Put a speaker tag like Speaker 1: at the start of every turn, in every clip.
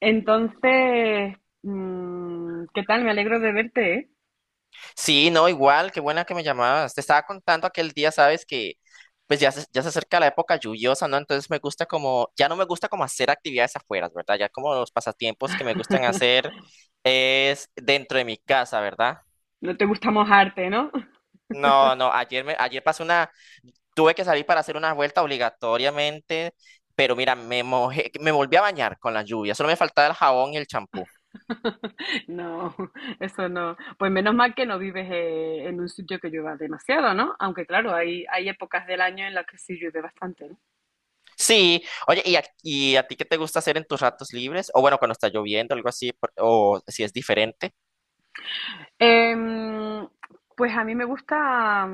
Speaker 1: Entonces, ¿qué tal? Me alegro de verte, ¿eh?
Speaker 2: Sí, no, igual, qué buena que me llamabas. Te estaba contando aquel día, sabes, que pues ya se acerca la época lluviosa, ¿no? Entonces me gusta como, ya no me gusta como hacer actividades afuera, ¿verdad? Ya como los pasatiempos que me gustan hacer es dentro de mi casa, ¿verdad?
Speaker 1: No te gusta mojarte, ¿no?
Speaker 2: No, no, ayer pasé una, tuve que salir para hacer una vuelta obligatoriamente, pero mira, me mojé, me volví a bañar con la lluvia, solo me faltaba el jabón y el champú.
Speaker 1: No, eso no. Pues menos mal que no vives en un sitio que llueva demasiado, ¿no? Aunque claro, hay épocas del año en las que sí llueve bastante, ¿no?
Speaker 2: Sí, oye, ¿y a ti qué te gusta hacer en tus ratos libres? O bueno, cuando está lloviendo, algo así, o si es diferente.
Speaker 1: Em, pues a mí me gusta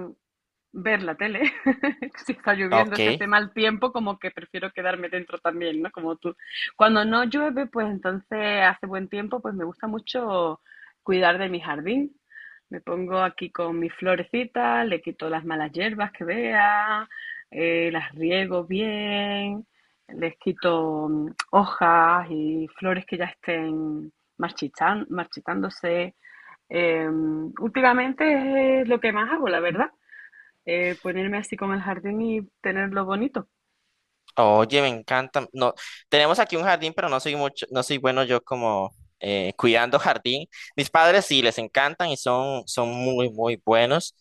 Speaker 1: ver la tele. Si está lloviendo, si
Speaker 2: Ok.
Speaker 1: hace mal tiempo, como que prefiero quedarme dentro también, ¿no? Como tú. Cuando no llueve, pues entonces hace buen tiempo, pues me gusta mucho cuidar de mi jardín. Me pongo aquí con mis florecitas, le quito las malas hierbas que vea, las riego bien, les quito hojas y flores que ya estén marchitándose. Últimamente es lo que más hago, la verdad, ponerme así como el jardín y tenerlo bonito.
Speaker 2: Oye, me encanta. No, tenemos aquí un jardín, pero no soy mucho, no soy bueno yo como cuidando jardín. Mis padres sí les encantan y son, son muy, muy buenos.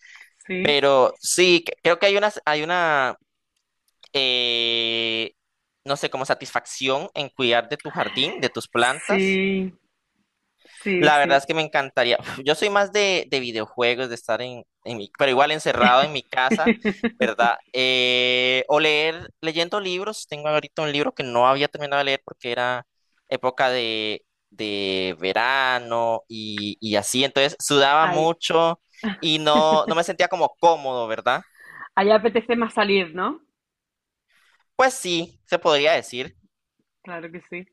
Speaker 1: Sí,
Speaker 2: Pero sí, creo que hay una, eh, no sé, como satisfacción en cuidar de tu jardín, de tus plantas.
Speaker 1: sí, sí,
Speaker 2: La verdad
Speaker 1: sí.
Speaker 2: es que me encantaría. Uf, yo soy más de videojuegos, de estar en mi, pero igual encerrado en mi casa, ¿verdad? Leyendo libros. Tengo ahorita un libro que no había terminado de leer porque era época de verano y así. Entonces sudaba
Speaker 1: Ahí,
Speaker 2: mucho y no, no me sentía como cómodo, ¿verdad?
Speaker 1: ahí apetece más salir, ¿no?
Speaker 2: Pues sí, se podría decir.
Speaker 1: Claro que sí.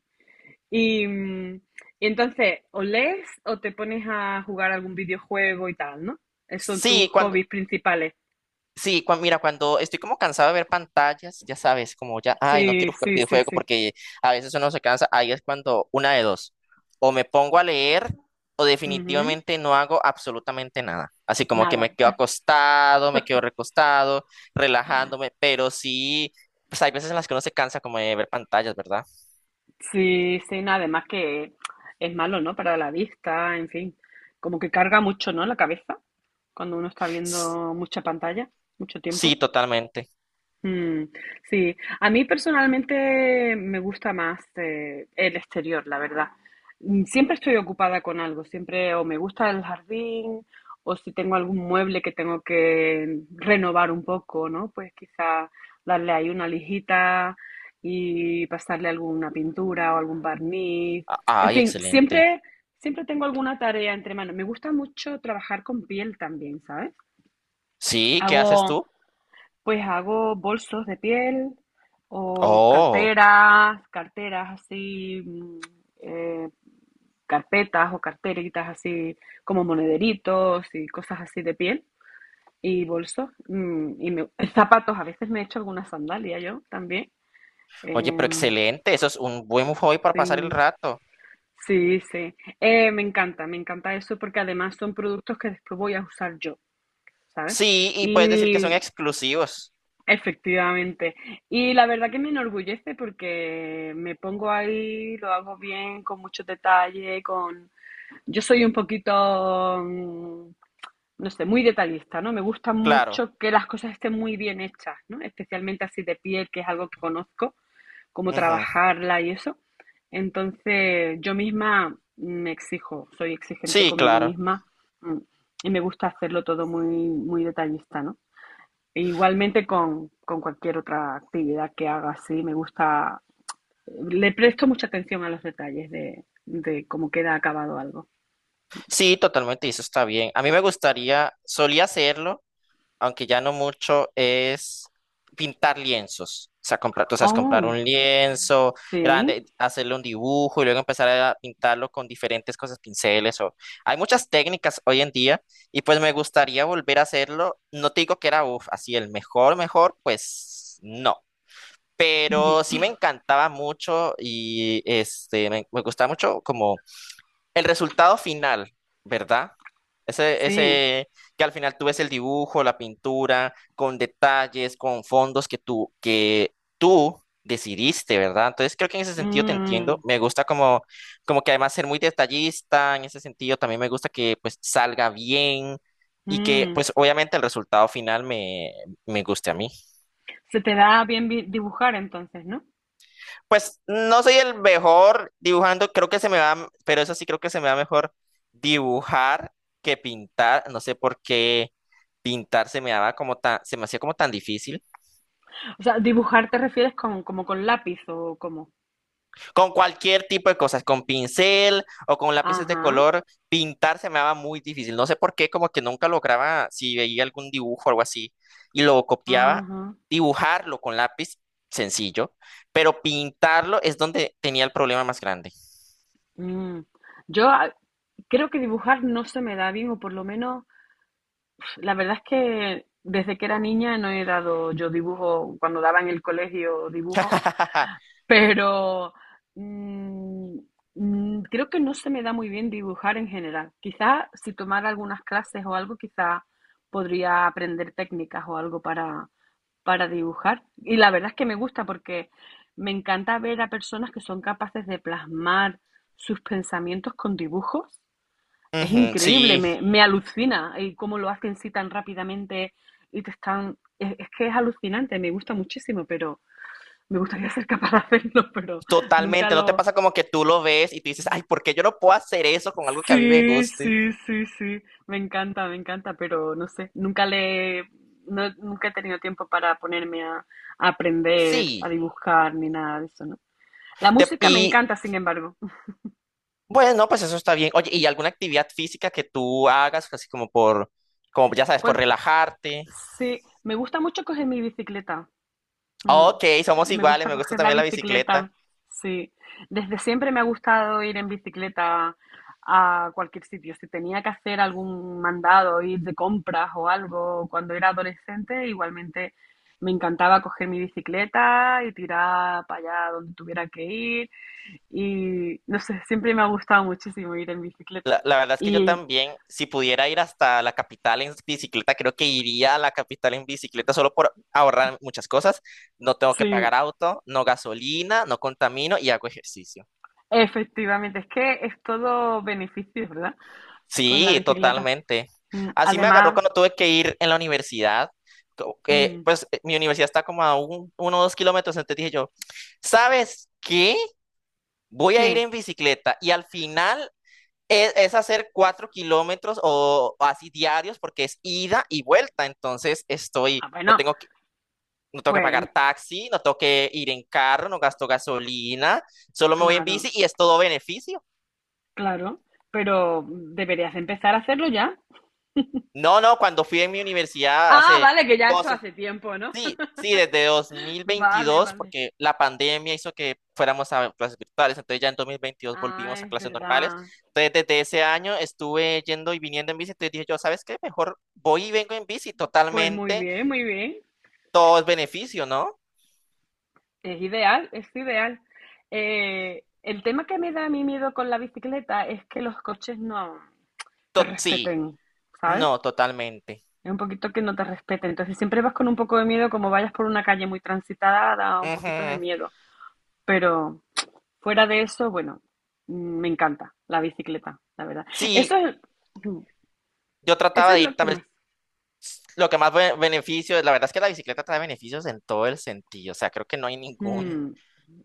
Speaker 1: Y, y entonces, o lees o te pones a jugar algún videojuego y tal, ¿no? Esos son tus
Speaker 2: Sí, cuando,
Speaker 1: hobbies principales.
Speaker 2: sí, mira, cuando estoy como cansado de ver pantallas, ya sabes, como ya, ay, no
Speaker 1: Sí,
Speaker 2: quiero jugar
Speaker 1: sí, sí,
Speaker 2: videojuego
Speaker 1: sí.
Speaker 2: porque a veces uno se cansa, ahí es cuando una de dos, o me pongo a leer o
Speaker 1: Ujú.
Speaker 2: definitivamente no hago absolutamente nada. Así como que me
Speaker 1: Nada.
Speaker 2: quedo acostado, me quedo recostado, relajándome, pero sí, pues hay veces en las que uno se cansa como de ver pantallas, ¿verdad?
Speaker 1: Sí, sí, nada. Además que es malo, ¿no? Para la vista, en fin. Como que carga mucho, ¿no? La cabeza, cuando uno está
Speaker 2: S-
Speaker 1: viendo mucha pantalla, mucho
Speaker 2: Sí,
Speaker 1: tiempo.
Speaker 2: totalmente.
Speaker 1: Mm, sí, a mí personalmente me gusta más el exterior, la verdad. Siempre estoy ocupada con algo, siempre o me gusta el jardín o si tengo algún mueble que tengo que renovar un poco, ¿no? Pues quizá darle ahí una lijita y pasarle alguna pintura o algún barniz. En
Speaker 2: Ay,
Speaker 1: fin,
Speaker 2: excelente.
Speaker 1: siempre, siempre tengo alguna tarea entre manos. Me gusta mucho trabajar con piel también, ¿sabes?
Speaker 2: Sí, ¿qué haces
Speaker 1: Hago,
Speaker 2: tú?
Speaker 1: pues hago bolsos de piel o
Speaker 2: Oh,
Speaker 1: carteras, carteras así, eh, carpetas o carteritas así como monederitos y cosas así de piel y bolsos zapatos. A veces me he hecho alguna sandalia yo también.
Speaker 2: oye, pero
Speaker 1: Em,
Speaker 2: excelente, eso es un buen hobby para pasar el
Speaker 1: sí,
Speaker 2: rato.
Speaker 1: sí, sí. Me encanta eso porque además son productos que después voy a usar yo, ¿sabes?
Speaker 2: Sí, y puedes decir que
Speaker 1: Y
Speaker 2: son exclusivos,
Speaker 1: efectivamente. Y la verdad que me enorgullece porque me pongo ahí, lo hago bien, con mucho detalle, con... Yo soy un poquito, mm, no sé, muy detallista, ¿no? Me gusta
Speaker 2: claro.
Speaker 1: mucho que las cosas estén muy bien hechas, ¿no? Especialmente así de piel, que es algo que conozco, cómo
Speaker 2: Ujú.
Speaker 1: trabajarla y eso. Entonces, yo misma me exijo, soy exigente
Speaker 2: Sí,
Speaker 1: conmigo
Speaker 2: claro.
Speaker 1: misma, mm, y me gusta hacerlo todo muy, muy detallista, ¿no? E igualmente con cualquier otra actividad que haga, sí, me gusta, le presto mucha atención a los detalles de cómo queda acabado algo.
Speaker 2: Sí, totalmente, y eso está bien. A mí me gustaría, solía hacerlo, aunque ya no mucho, es pintar lienzos. O sea, comprar, tú sabes, comprar
Speaker 1: Oh,
Speaker 2: un lienzo
Speaker 1: sí,
Speaker 2: grande, hacerle un dibujo y luego empezar a pintarlo con diferentes cosas, pinceles o… Hay muchas técnicas hoy en día y pues me gustaría volver a hacerlo. No te digo que era, uf, así el mejor, mejor, pues no. Pero sí me encantaba mucho y este, me gustaba mucho como el resultado final, ¿verdad? Ese,
Speaker 1: sí.
Speaker 2: ese que al final tú ves el dibujo, la pintura, con detalles, con fondos que tú decidiste, ¿verdad? Entonces creo que en ese sentido te entiendo.
Speaker 1: Mm,
Speaker 2: Me gusta como, como que además ser muy detallista, en ese sentido también me gusta que pues salga bien y que
Speaker 1: mm.
Speaker 2: pues obviamente el resultado final me guste a mí.
Speaker 1: Se te da bien dibujar entonces, ¿no?
Speaker 2: Pues no soy el mejor dibujando, creo que se me va, pero eso sí creo que se me va mejor dibujar que pintar. No sé por qué pintar se me daba como tan, se me hacía como tan difícil.
Speaker 1: O sea, dibujar te refieres con, como con lápiz o como.
Speaker 2: Con cualquier tipo de cosas, con pincel o con lápices de
Speaker 1: Ajá,
Speaker 2: color, pintar se me daba muy difícil. No sé por qué, como que nunca lograba, si veía algún dibujo o algo así y lo copiaba,
Speaker 1: ajá.
Speaker 2: dibujarlo con lápiz, sencillo, pero pintarlo es donde tenía el problema más grande.
Speaker 1: mm. Yo creo que dibujar no se me da bien, o por lo menos, la verdad es que desde que era niña no he dado yo dibujo, cuando daba en el colegio dibujo, pero mm, creo que no se me da muy bien dibujar en general. Quizás si tomara algunas clases o algo, quizás podría aprender técnicas o algo para dibujar. Y la verdad es que me gusta porque me encanta ver a personas que son capaces de plasmar sus pensamientos con dibujos, es
Speaker 2: Ujú,
Speaker 1: increíble,
Speaker 2: sí.
Speaker 1: me alucina y cómo lo hacen sí tan rápidamente y te están... es que es alucinante, me gusta muchísimo, pero me gustaría ser capaz de hacerlo, pero nunca
Speaker 2: Totalmente, ¿no te
Speaker 1: lo...
Speaker 2: pasa como que tú lo ves y tú dices, ay, ¿por qué yo no puedo hacer eso con algo que a mí me
Speaker 1: Sí,
Speaker 2: guste?
Speaker 1: sí, sí, sí, me encanta, pero no sé, nunca le... nunca he tenido tiempo para ponerme a aprender, a
Speaker 2: Sí.
Speaker 1: dibujar, ni nada de eso, ¿no? La música me
Speaker 2: Y
Speaker 1: encanta, sin embargo.
Speaker 2: bueno, pues eso está bien. Oye, ¿y alguna actividad física que tú hagas, así como por, como ya sabes, por
Speaker 1: Pues
Speaker 2: relajarte?
Speaker 1: sí, me gusta mucho coger mi bicicleta. Mm,
Speaker 2: Ok, somos
Speaker 1: Me
Speaker 2: iguales,
Speaker 1: gusta
Speaker 2: me gusta
Speaker 1: coger la
Speaker 2: también la bicicleta.
Speaker 1: bicicleta, sí. Desde siempre me ha gustado ir en bicicleta a cualquier sitio. Si tenía que hacer algún mandado, ir de compras o algo, cuando era adolescente, igualmente me encantaba coger mi bicicleta y tirar para allá donde tuviera que ir. Y no sé, siempre me ha gustado muchísimo ir en bicicleta.
Speaker 2: La verdad es que yo
Speaker 1: Y
Speaker 2: también, si pudiera ir hasta la capital en bicicleta, creo que iría a la capital en bicicleta solo por ahorrar muchas cosas. No tengo que
Speaker 1: sí,
Speaker 2: pagar auto, no gasolina, no contamino y hago ejercicio.
Speaker 1: efectivamente, es que es todo beneficios, ¿verdad? Con la
Speaker 2: Sí,
Speaker 1: bicicleta.
Speaker 2: totalmente. Así me agarró
Speaker 1: Además,
Speaker 2: cuando tuve que ir en la universidad. Que,
Speaker 1: mm,
Speaker 2: pues mi universidad está como a 1 o 2 kilómetros, entonces dije yo, ¿sabes qué? Voy a ir
Speaker 1: ¿qué?
Speaker 2: en bicicleta y al final es hacer 4 kilómetros o así diarios porque es ida y vuelta, entonces estoy,
Speaker 1: Ah, bueno,
Speaker 2: no tengo que
Speaker 1: pues
Speaker 2: pagar taxi, no tengo que ir en carro, no gasto gasolina, solo me voy en
Speaker 1: claro,
Speaker 2: bici y es todo beneficio.
Speaker 1: claro, pero deberías empezar a hacerlo ya.
Speaker 2: No, no, cuando fui en mi universidad
Speaker 1: Ah,
Speaker 2: hace…
Speaker 1: vale, que ya eso hace tiempo, ¿no?
Speaker 2: Sí, sí, desde
Speaker 1: Vale,
Speaker 2: 2022,
Speaker 1: vale.
Speaker 2: porque la pandemia hizo que fuéramos a clases virtuales, entonces ya en 2022
Speaker 1: Ah,
Speaker 2: volvimos a
Speaker 1: es
Speaker 2: clases normales.
Speaker 1: verdad.
Speaker 2: Entonces, desde ese año estuve yendo y viniendo en bici, entonces dije yo, ¿sabes qué? Mejor voy y vengo en bici,
Speaker 1: Pues muy
Speaker 2: totalmente,
Speaker 1: bien, muy bien.
Speaker 2: todo es beneficio, ¿no?
Speaker 1: Es ideal, es ideal. El tema que me da a mí miedo con la bicicleta es que los coches no te
Speaker 2: Sí,
Speaker 1: respeten, ¿sabes?
Speaker 2: no, totalmente.
Speaker 1: Es un poquito que no te respeten. Entonces siempre vas con un poco de miedo, como vayas por una calle muy transitada, da un poquito de
Speaker 2: Ujú.
Speaker 1: miedo. Pero fuera de eso, bueno, mm, me encanta la bicicleta, la verdad. Eso
Speaker 2: Sí,
Speaker 1: es, mm,
Speaker 2: yo
Speaker 1: eso
Speaker 2: trataba
Speaker 1: es
Speaker 2: de ir
Speaker 1: lo que
Speaker 2: también,
Speaker 1: más.
Speaker 2: lo que más beneficio, la verdad es que la bicicleta trae beneficios en todo el sentido, o sea, creo que no hay
Speaker 1: mm,
Speaker 2: ningún,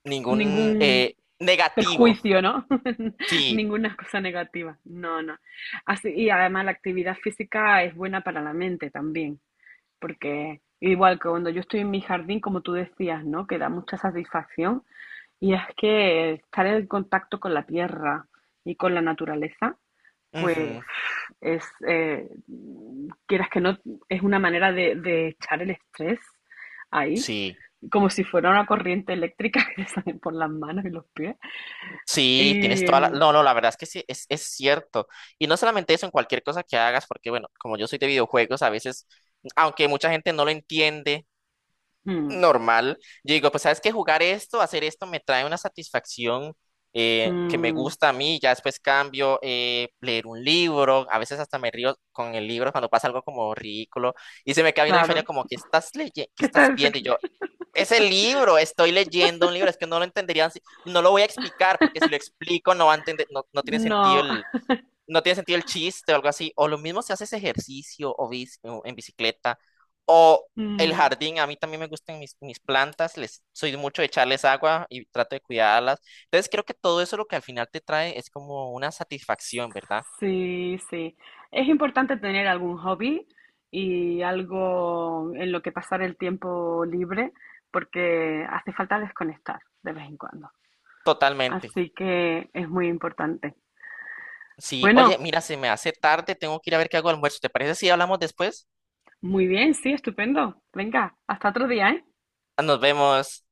Speaker 2: ningún
Speaker 1: Ningún
Speaker 2: negativo,
Speaker 1: perjuicio, ¿no?
Speaker 2: sí.
Speaker 1: Ninguna cosa negativa. No, no. Así, y además la actividad física es buena para la mente también, porque igual que cuando yo estoy en mi jardín, como tú decías, ¿no? Que da mucha satisfacción y es que estar en contacto con la tierra y con la naturaleza, pues
Speaker 2: Ujú.
Speaker 1: es, quieras que no, es una manera de echar el estrés ahí,
Speaker 2: Sí,
Speaker 1: como si fuera una corriente eléctrica que te sale por las manos y los pies.
Speaker 2: sí, tienes
Speaker 1: Y
Speaker 2: toda la… No, no, la verdad es que sí, es cierto. Y no solamente eso, en cualquier cosa que hagas, porque bueno, como yo soy de videojuegos, a veces, aunque mucha gente no lo entiende,
Speaker 1: mm,
Speaker 2: normal, yo digo, pues sabes que jugar esto, hacer esto, me trae una satisfacción que me
Speaker 1: mm,
Speaker 2: gusta a mí, ya después cambio, leer un libro, a veces hasta me río con el libro cuando pasa algo como ridículo, y se me queda viendo mi
Speaker 1: claro,
Speaker 2: familia como, ¿qué estás leyendo? ¿Qué
Speaker 1: ¿qué
Speaker 2: estás
Speaker 1: tal?
Speaker 2: viendo? Es el libro, estoy leyendo un libro, es que no lo entenderían, no lo voy a explicar, porque si lo explico no va a entender, no,
Speaker 1: No.
Speaker 2: no tiene sentido el chiste o algo así. O lo mismo si haces ejercicio o, o en bicicleta, o el
Speaker 1: mm,
Speaker 2: jardín, a mí también me gustan mis, mis plantas, les, soy mucho de echarles agua y trato de cuidarlas. Entonces creo que todo eso lo que al final te trae es como una satisfacción, ¿verdad?
Speaker 1: Sí, sí. Es importante tener algún hobby y algo en lo que pasar el tiempo libre porque hace falta desconectar de vez en cuando.
Speaker 2: Totalmente.
Speaker 1: Así que es muy importante.
Speaker 2: Sí, oye,
Speaker 1: Bueno,
Speaker 2: mira, se me hace tarde, tengo que ir a ver qué hago de almuerzo. ¿Te parece si hablamos después?
Speaker 1: muy bien, sí, estupendo. Venga, hasta otro día, ¿eh?
Speaker 2: Nos vemos.